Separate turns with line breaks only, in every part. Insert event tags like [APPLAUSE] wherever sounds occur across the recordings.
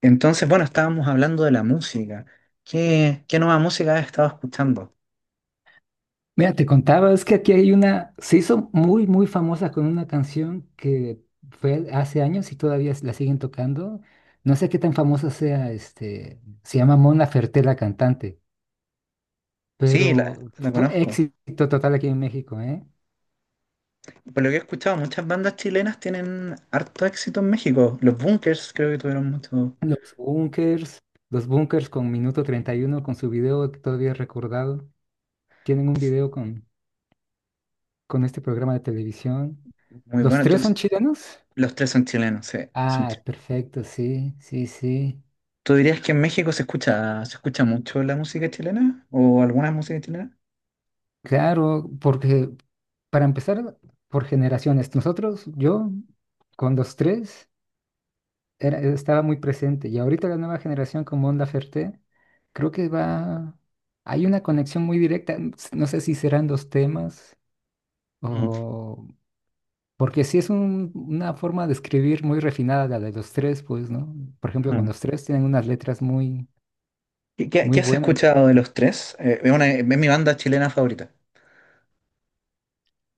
Entonces, bueno, estábamos hablando de la música. ¿Qué nueva música has estado escuchando?
Mira, te contaba, es que aquí hay una, se hizo muy, muy famosa con una canción que fue hace años y todavía la siguen tocando. No sé qué tan famosa sea, se llama Mona Ferté la cantante,
Sí, la,
pero
la
fue
conozco.
éxito total aquí en México, ¿eh?
Por lo que he escuchado, muchas bandas chilenas tienen harto éxito en México. Los Bunkers creo que tuvieron mucho,
Los Bunkers, los Bunkers con Minuto 31 con su video que todavía he recordado, tienen un video con este programa de televisión.
muy
¿Los
bueno.
tres son
Entonces,
chilenos?
los tres son chilenos, sí, son
Ah,
chilenos.
perfecto, sí, sí, sí.
¿Tú dirías que en México se escucha mucho la música chilena o alguna música chilena?
Claro, porque para empezar, por generaciones, nosotros, yo, con los tres, era, estaba muy presente y ahorita la nueva generación con Mon Laferte, creo que va, hay una conexión muy directa, no sé si serán dos temas
Mm,
o... Porque sí es una forma de escribir muy refinada la de los tres, pues, ¿no? Por ejemplo, con
mm.
los tres tienen unas letras muy,
¿Qué, qué-
muy
qué has
buenas.
escuchado de los tres? Es mi banda chilena favorita.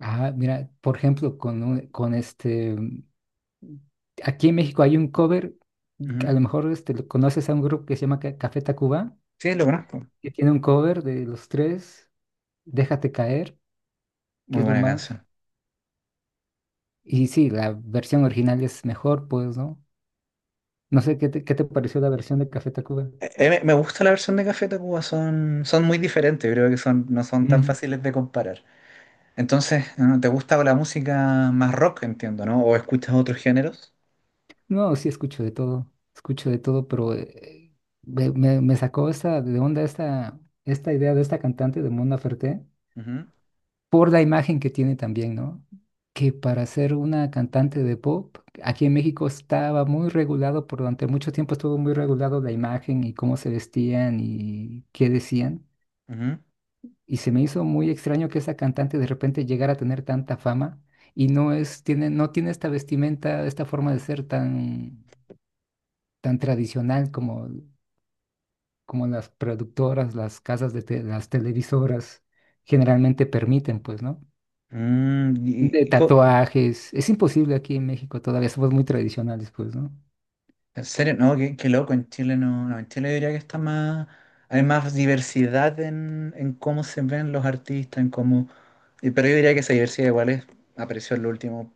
Ah, mira, por ejemplo, con este... Aquí en México hay un cover, a
Ujú.
lo mejor este, conoces a un grupo que se llama Café Tacuba,
Sí, lo conozco.
que tiene un cover de los tres, Déjate caer, que
Muy
es lo
buena
más.
canción.
Y sí, la versión original es mejor, pues, ¿no? No sé qué te pareció la versión de Café Tacuba.
Me gusta la versión de Café Tacuba, son muy diferentes, creo que son, no son tan
Ujú.
fáciles de comparar. Entonces, ¿no? ¿Te gusta la música más rock, entiendo, ¿no? ¿O escuchas otros géneros?
No, sí escucho de todo, pero me sacó esta de onda esta, esta idea de esta cantante de Mona Ferté.
Ujú,
Por la imagen que tiene también, ¿no? Que para ser una cantante de pop, aquí en México estaba muy regulado, por durante mucho tiempo estuvo muy regulado la imagen y cómo se vestían y qué decían.
ujú.
Y se me hizo muy extraño que esa cantante de repente llegara a tener tanta fama y no es, tiene, no tiene esta vestimenta, esta forma de ser tan, tan tradicional como, como las productoras, las casas de las televisoras generalmente permiten, pues, ¿no?
Mm, y-
De
y co-
tatuajes. Es imposible aquí en México todavía, somos muy tradicionales, pues, ¿no?
en serio, no, qué loco, en Chile no, no, en Chile diría que está más, hay más diversidad en cómo se ven los artistas, en cómo, y- pero yo diría que esa diversidad igual es, apareció en los últimos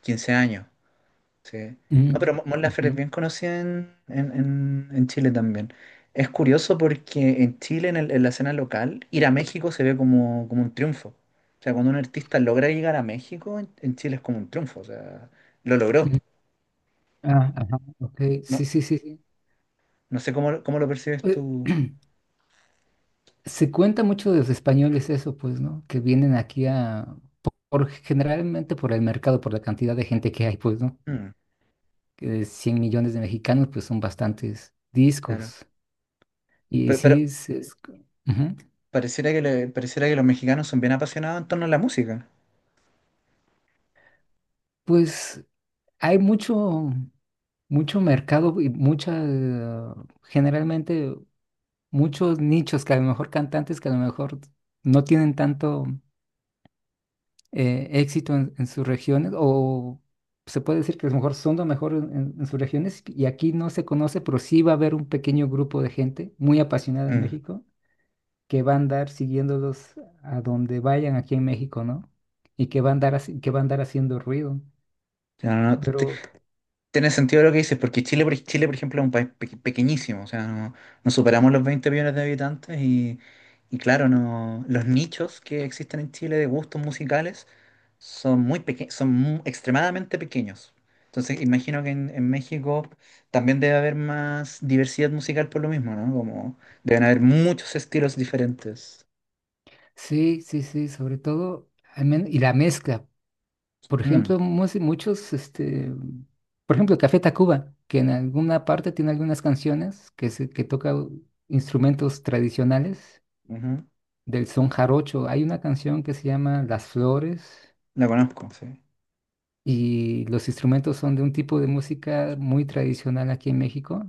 15 años. Sí. No, pero
Mm,
Mon
ujú,
Laferte es bien conocida en Chile también. Es curioso porque en Chile, en, el- en la escena local, ir a México se ve como, como un triunfo. O sea, cuando un artista logra llegar a México, en Chile es como un triunfo. O sea, lo logró.
ujú. Ah, ajá, ok, sí,
No,
sí, sí, sí.
no sé cómo, cómo lo percibes
Eh,
tú.
[CLEARS THROAT] Se cuenta mucho de los españoles eso, pues, ¿no? Que vienen aquí a, generalmente por el mercado, por la cantidad de gente que hay, pues, ¿no?
Mm,
Que de 100 millones de mexicanos, pues son bastantes
claro.
discos. Y
Pero
sí, es, ujú.
pareciera que, le- pareciera que los mexicanos son bien apasionados en torno a la música.
Pues hay mucho, mucho mercado y mucha, generalmente muchos nichos que a lo mejor cantantes que a lo mejor no tienen tanto éxito en sus regiones o se puede decir que a lo mejor son lo mejor en sus regiones y aquí no se conoce, pero sí va a haber un pequeño grupo de gente muy apasionada en
Mm.
México que va a andar siguiéndolos a donde vayan aquí en México, ¿no? Y que va a andar, haciendo ruido.
Ya, no, no,
Pero
tiene sentido lo que dices, porque Chile, por, Chile, por ejemplo, es un país pe- pequeñísimo, o sea, no, no superamos los 20 millones de habitantes y claro, no, los nichos que existen en Chile de gustos musicales son muy peque- son mu- extremadamente pequeños. Entonces, imagino que en México también debe haber más diversidad musical por lo mismo, ¿no? Como deben haber muchos estilos diferentes.
sí, sí, sí, sobre todo, y la mezcla. Por
Mm,
ejemplo, muchos, por ejemplo, Café Tacuba, que en alguna parte tiene algunas canciones que, se, que toca instrumentos tradicionales
ujú,
del son jarocho. Hay una canción que se llama Las Flores
la conozco, sí.
y los instrumentos son de un tipo de música muy tradicional aquí en México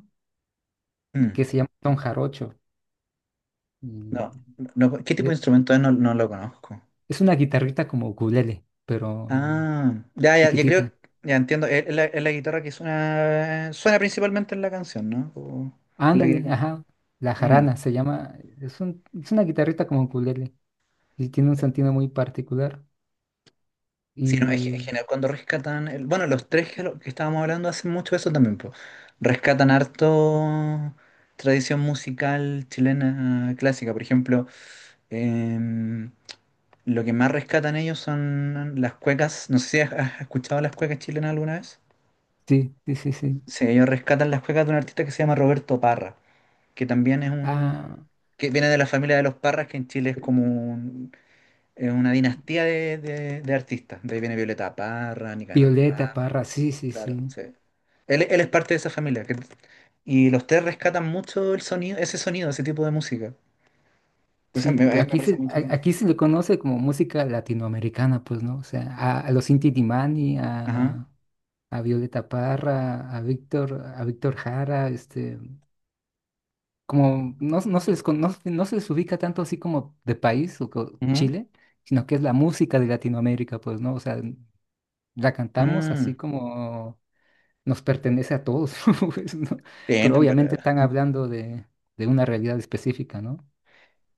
Mm,
que se llama son jarocho. Y
no, no, ¿qué tipo
e-
de instrumento es? No, no lo conozco.
es una guitarrita como ukulele, pero
Ah, ya, ya, yo creo,
chiquitita.
ya entiendo, es la, es la guitarra que suena, suena principalmente en la canción, ¿no? O- la
Ándale,
que-
ajá. La
Mm.
jarana se llama, es una guitarrita como ukulele. Sí, tiene un sentido muy particular.
Sí, no, es, ge- es
Y
genial cuando rescatan, el- bueno, los tres que, lo- que estábamos hablando hacen mucho eso también, po. Rescatan harto tradición musical chilena clásica, por ejemplo, em, lo que más rescatan ellos son las cuecas, no sé si has escuchado las cuecas chilenas alguna vez.
sí, sí, sí, sí.
Sí, ellos rescatan las cuecas de un artista que se llama Roberto Parra, que también es un,
Ah,
que viene de la familia de los Parras, que en Chile es como un- es una dinastía de artistas. De ahí viene Violeta Parra, Nicanor
Violeta
Parra,
Parra, sí, sí,
claro,
sí.
sí. Él es parte de esa familia. Que- y los tres rescatan mucho el sonido, ese tipo de música. Entonces me,
Sí,
me
aquí
parece
se,
muy
a-
interesante.
aquí se le conoce como música latinoamericana, pues, ¿no? O sea, a los Inti Illimani,
Ajá.
a Violeta Parra, a Víctor Jara, como no, no se les conoce, no se les ubica tanto así como de país o
Ujú.
Chile, sino que es la música de Latinoamérica, pues, ¿no? O sea, la cantamos así
Mm,
como nos pertenece a todos, [LAUGHS] pues, ¿no? Pero
bien, pero...
obviamente están
ajá.
hablando de una realidad específica, ¿no?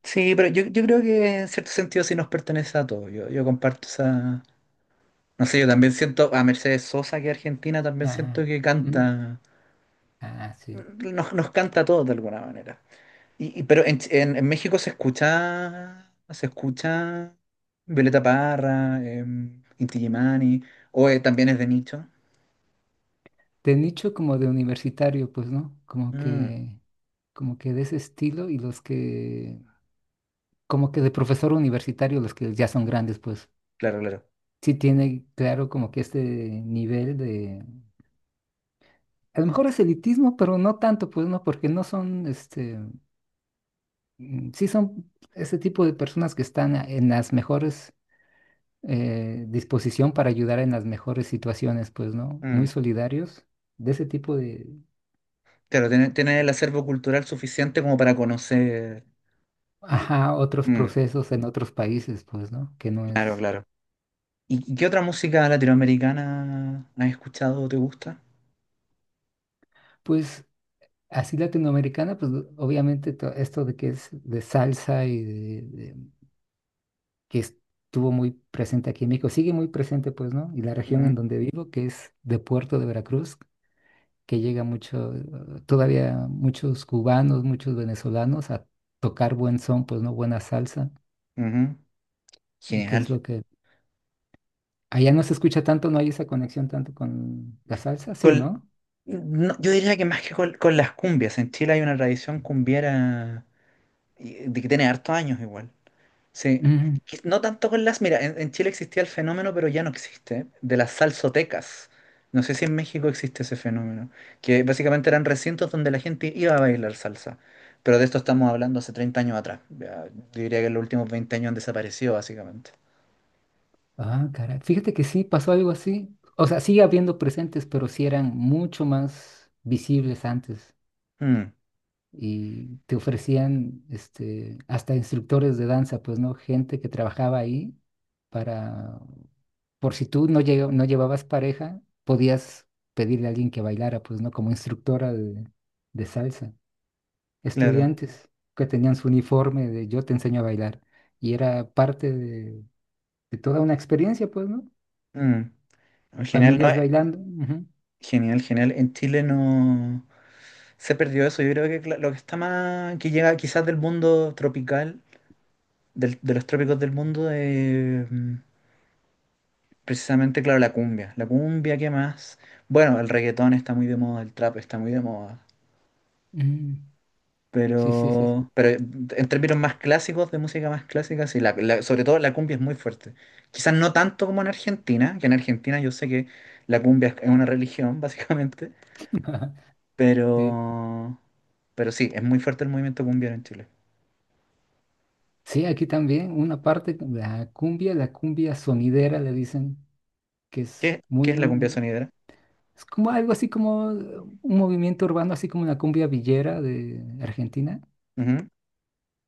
Sí, pero yo creo que en cierto sentido sí nos pertenece a todos. Yo comparto esa... No sé, yo también siento a Mercedes Sosa, que es argentina, también siento
Ah,
que
mm,
canta
ah, sí.
nos, nos canta a todos de alguna manera. Y- pero en, Ch- en México se escucha Violeta Parra, Inti Illimani, o también es de nicho.
De nicho como de universitario, pues, ¿no?
Mm,
Como que de ese estilo y los que, como que de profesor universitario, los que ya son grandes, pues,
claro, claro.
sí tiene claro como que este nivel de, a lo mejor es elitismo, pero no tanto, pues, ¿no? Porque no son, sí son ese tipo de personas que están en las mejores disposición para ayudar en las mejores situaciones, pues, ¿no? Muy
Mm,
solidarios de ese tipo de,
claro, tiene, tiene el acervo cultural suficiente como para conocer.
ajá, otros
Mm,
procesos en otros países, pues, ¿no? Que no
claro,
es,
claro. Y qué otra música latinoamericana has escuchado o te gusta?
pues, así latinoamericana, pues, obviamente esto de que es de salsa y que estuvo muy presente aquí en México, sigue muy presente, pues, ¿no? Y la región
Ujú,
en donde vivo, que es de Puerto de Veracruz, que llega mucho, todavía muchos cubanos, muchos venezolanos a tocar buen son, pues, ¿no? Buena salsa.
ujú,
¿Y qué
genial.
es lo que... Allá no se escucha tanto, no hay esa conexión tanto con la salsa, sí,
Con-
¿no?
no, yo diría que más que con las cumbias. En Chile hay una tradición cumbiera y- de que tiene hartos años igual. Sí.
Mm.
Que no tanto con las. Mira, en Chile existía el fenómeno, pero ya no existe, de las salsotecas. No sé si en México existe ese fenómeno, que básicamente eran recintos donde la gente iba a bailar salsa. Pero de esto estamos hablando hace 30 años atrás. Ya, yo diría que en los últimos 20 años han desaparecido, básicamente.
Ah, caray. Fíjate que sí, pasó algo así. O sea, sigue habiendo presentes, pero sí eran mucho más visibles antes.
Mm,
Y te ofrecían hasta instructores de danza, pues, ¿no? Gente que trabajaba ahí para, por si tú no, no llevabas pareja, podías pedirle a alguien que bailara, pues, ¿no? Como instructora de salsa.
claro.
Estudiantes que tenían su uniforme de yo te enseño a bailar. Y era parte de toda una experiencia, pues, ¿no?
Mm. Genial, no,
Familias bailando. Ujú.
genial, genial. En Chile no se perdió eso. Yo creo que cla- lo que está más, que llega quizás del mundo tropical del- de los trópicos del mundo, de, precisamente, claro, la cumbia. La cumbia, ¿qué más? Bueno, el reggaetón está muy de moda, el trap está muy de moda.
Mm. Sí, sí, sí.
Pero en términos más clásicos, de música más clásica, sí, la- la- sobre todo la cumbia es muy fuerte. Quizás no tanto como en Argentina, que en Argentina yo sé que la cumbia es una religión, [LAUGHS] básicamente,
[LAUGHS] Sí.
pero, pero sí, es muy fuerte el movimiento cumbiero en Chile.
Sí, aquí también una parte, la cumbia sonidera le dicen, que es
¿Qué
muy,
es la cumbia sonidera?
es como algo así como un movimiento urbano, así como la cumbia villera de Argentina,
Ujú,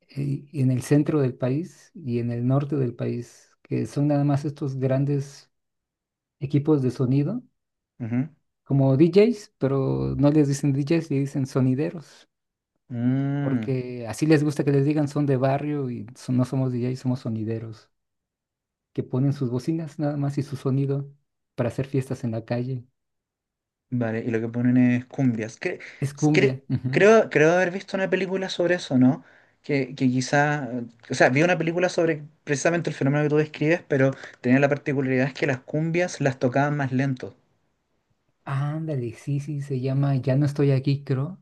en el centro del país y en el norte del país, que son nada más estos grandes equipos de sonido,
ujú.
como DJs, pero no les dicen DJs, le dicen sonideros,
Mm.
porque así les gusta que les digan son de barrio y no somos DJs, somos sonideros, que ponen sus bocinas nada más y su sonido para hacer fiestas en la calle.
Vale, y lo que ponen es cumbias.
Es
Cre-
cumbia. Ujú.
creo, creo haber visto una película sobre eso, ¿no? Que quizá, o sea, vi una película sobre precisamente el fenómeno que tú describes, pero tenía la particularidad es que las cumbias las tocaban más lento.
Ándale, sí, sí, se llama Ya no estoy aquí, creo,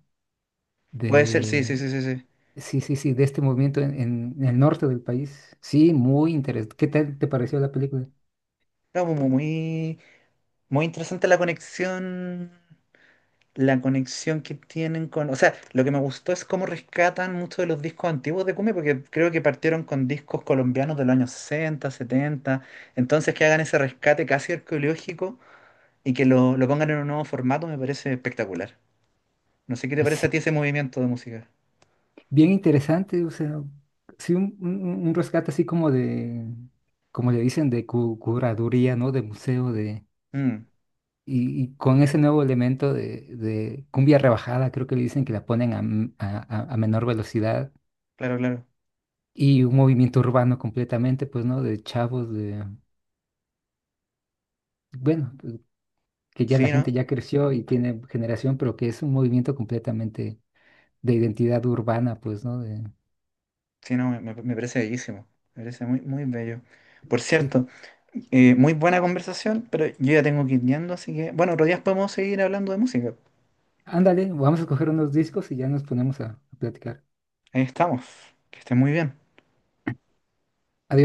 Puede ser, sí, sí,
de...
sí, sí, sí.
Sí, sí, sí, de este movimiento en el norte del país. Sí, muy interesante. ¿Qué tal te pareció la película?
No, muy, muy interesante la conexión que tienen con... O sea, lo que me gustó es cómo rescatan muchos de los discos antiguos de cumbia, porque creo que partieron con discos colombianos de los años 60 setenta. Entonces, que hagan ese rescate casi arqueológico y que lo pongan en un nuevo formato me parece espectacular. No sé qué te parece a ti
[LAUGHS]
ese movimiento de música.
Bien interesante, o sea, sí, un rescate así como de, como le dicen, de curaduría, ¿no? De museo, de,
Mm,
y con ese nuevo elemento de cumbia rebajada, creo que le dicen que la ponen a, m- a menor velocidad,
claro, claro.
y un movimiento urbano completamente, pues, ¿no? De chavos, de, bueno, que ya la
Sí, ¿no?
gente ya creció y tiene generación, pero que es un movimiento completamente de identidad urbana, pues, ¿no? De,
Sí, no, me parece bellísimo. Me parece muy, muy bello. Por
sí,
cierto, muy buena conversación, pero yo ya tengo que ir yendo, así que, bueno, otro día podemos seguir hablando de música.
ándale, vamos a coger unos discos y ya nos ponemos a platicar.
Ahí estamos. Que esté muy bien.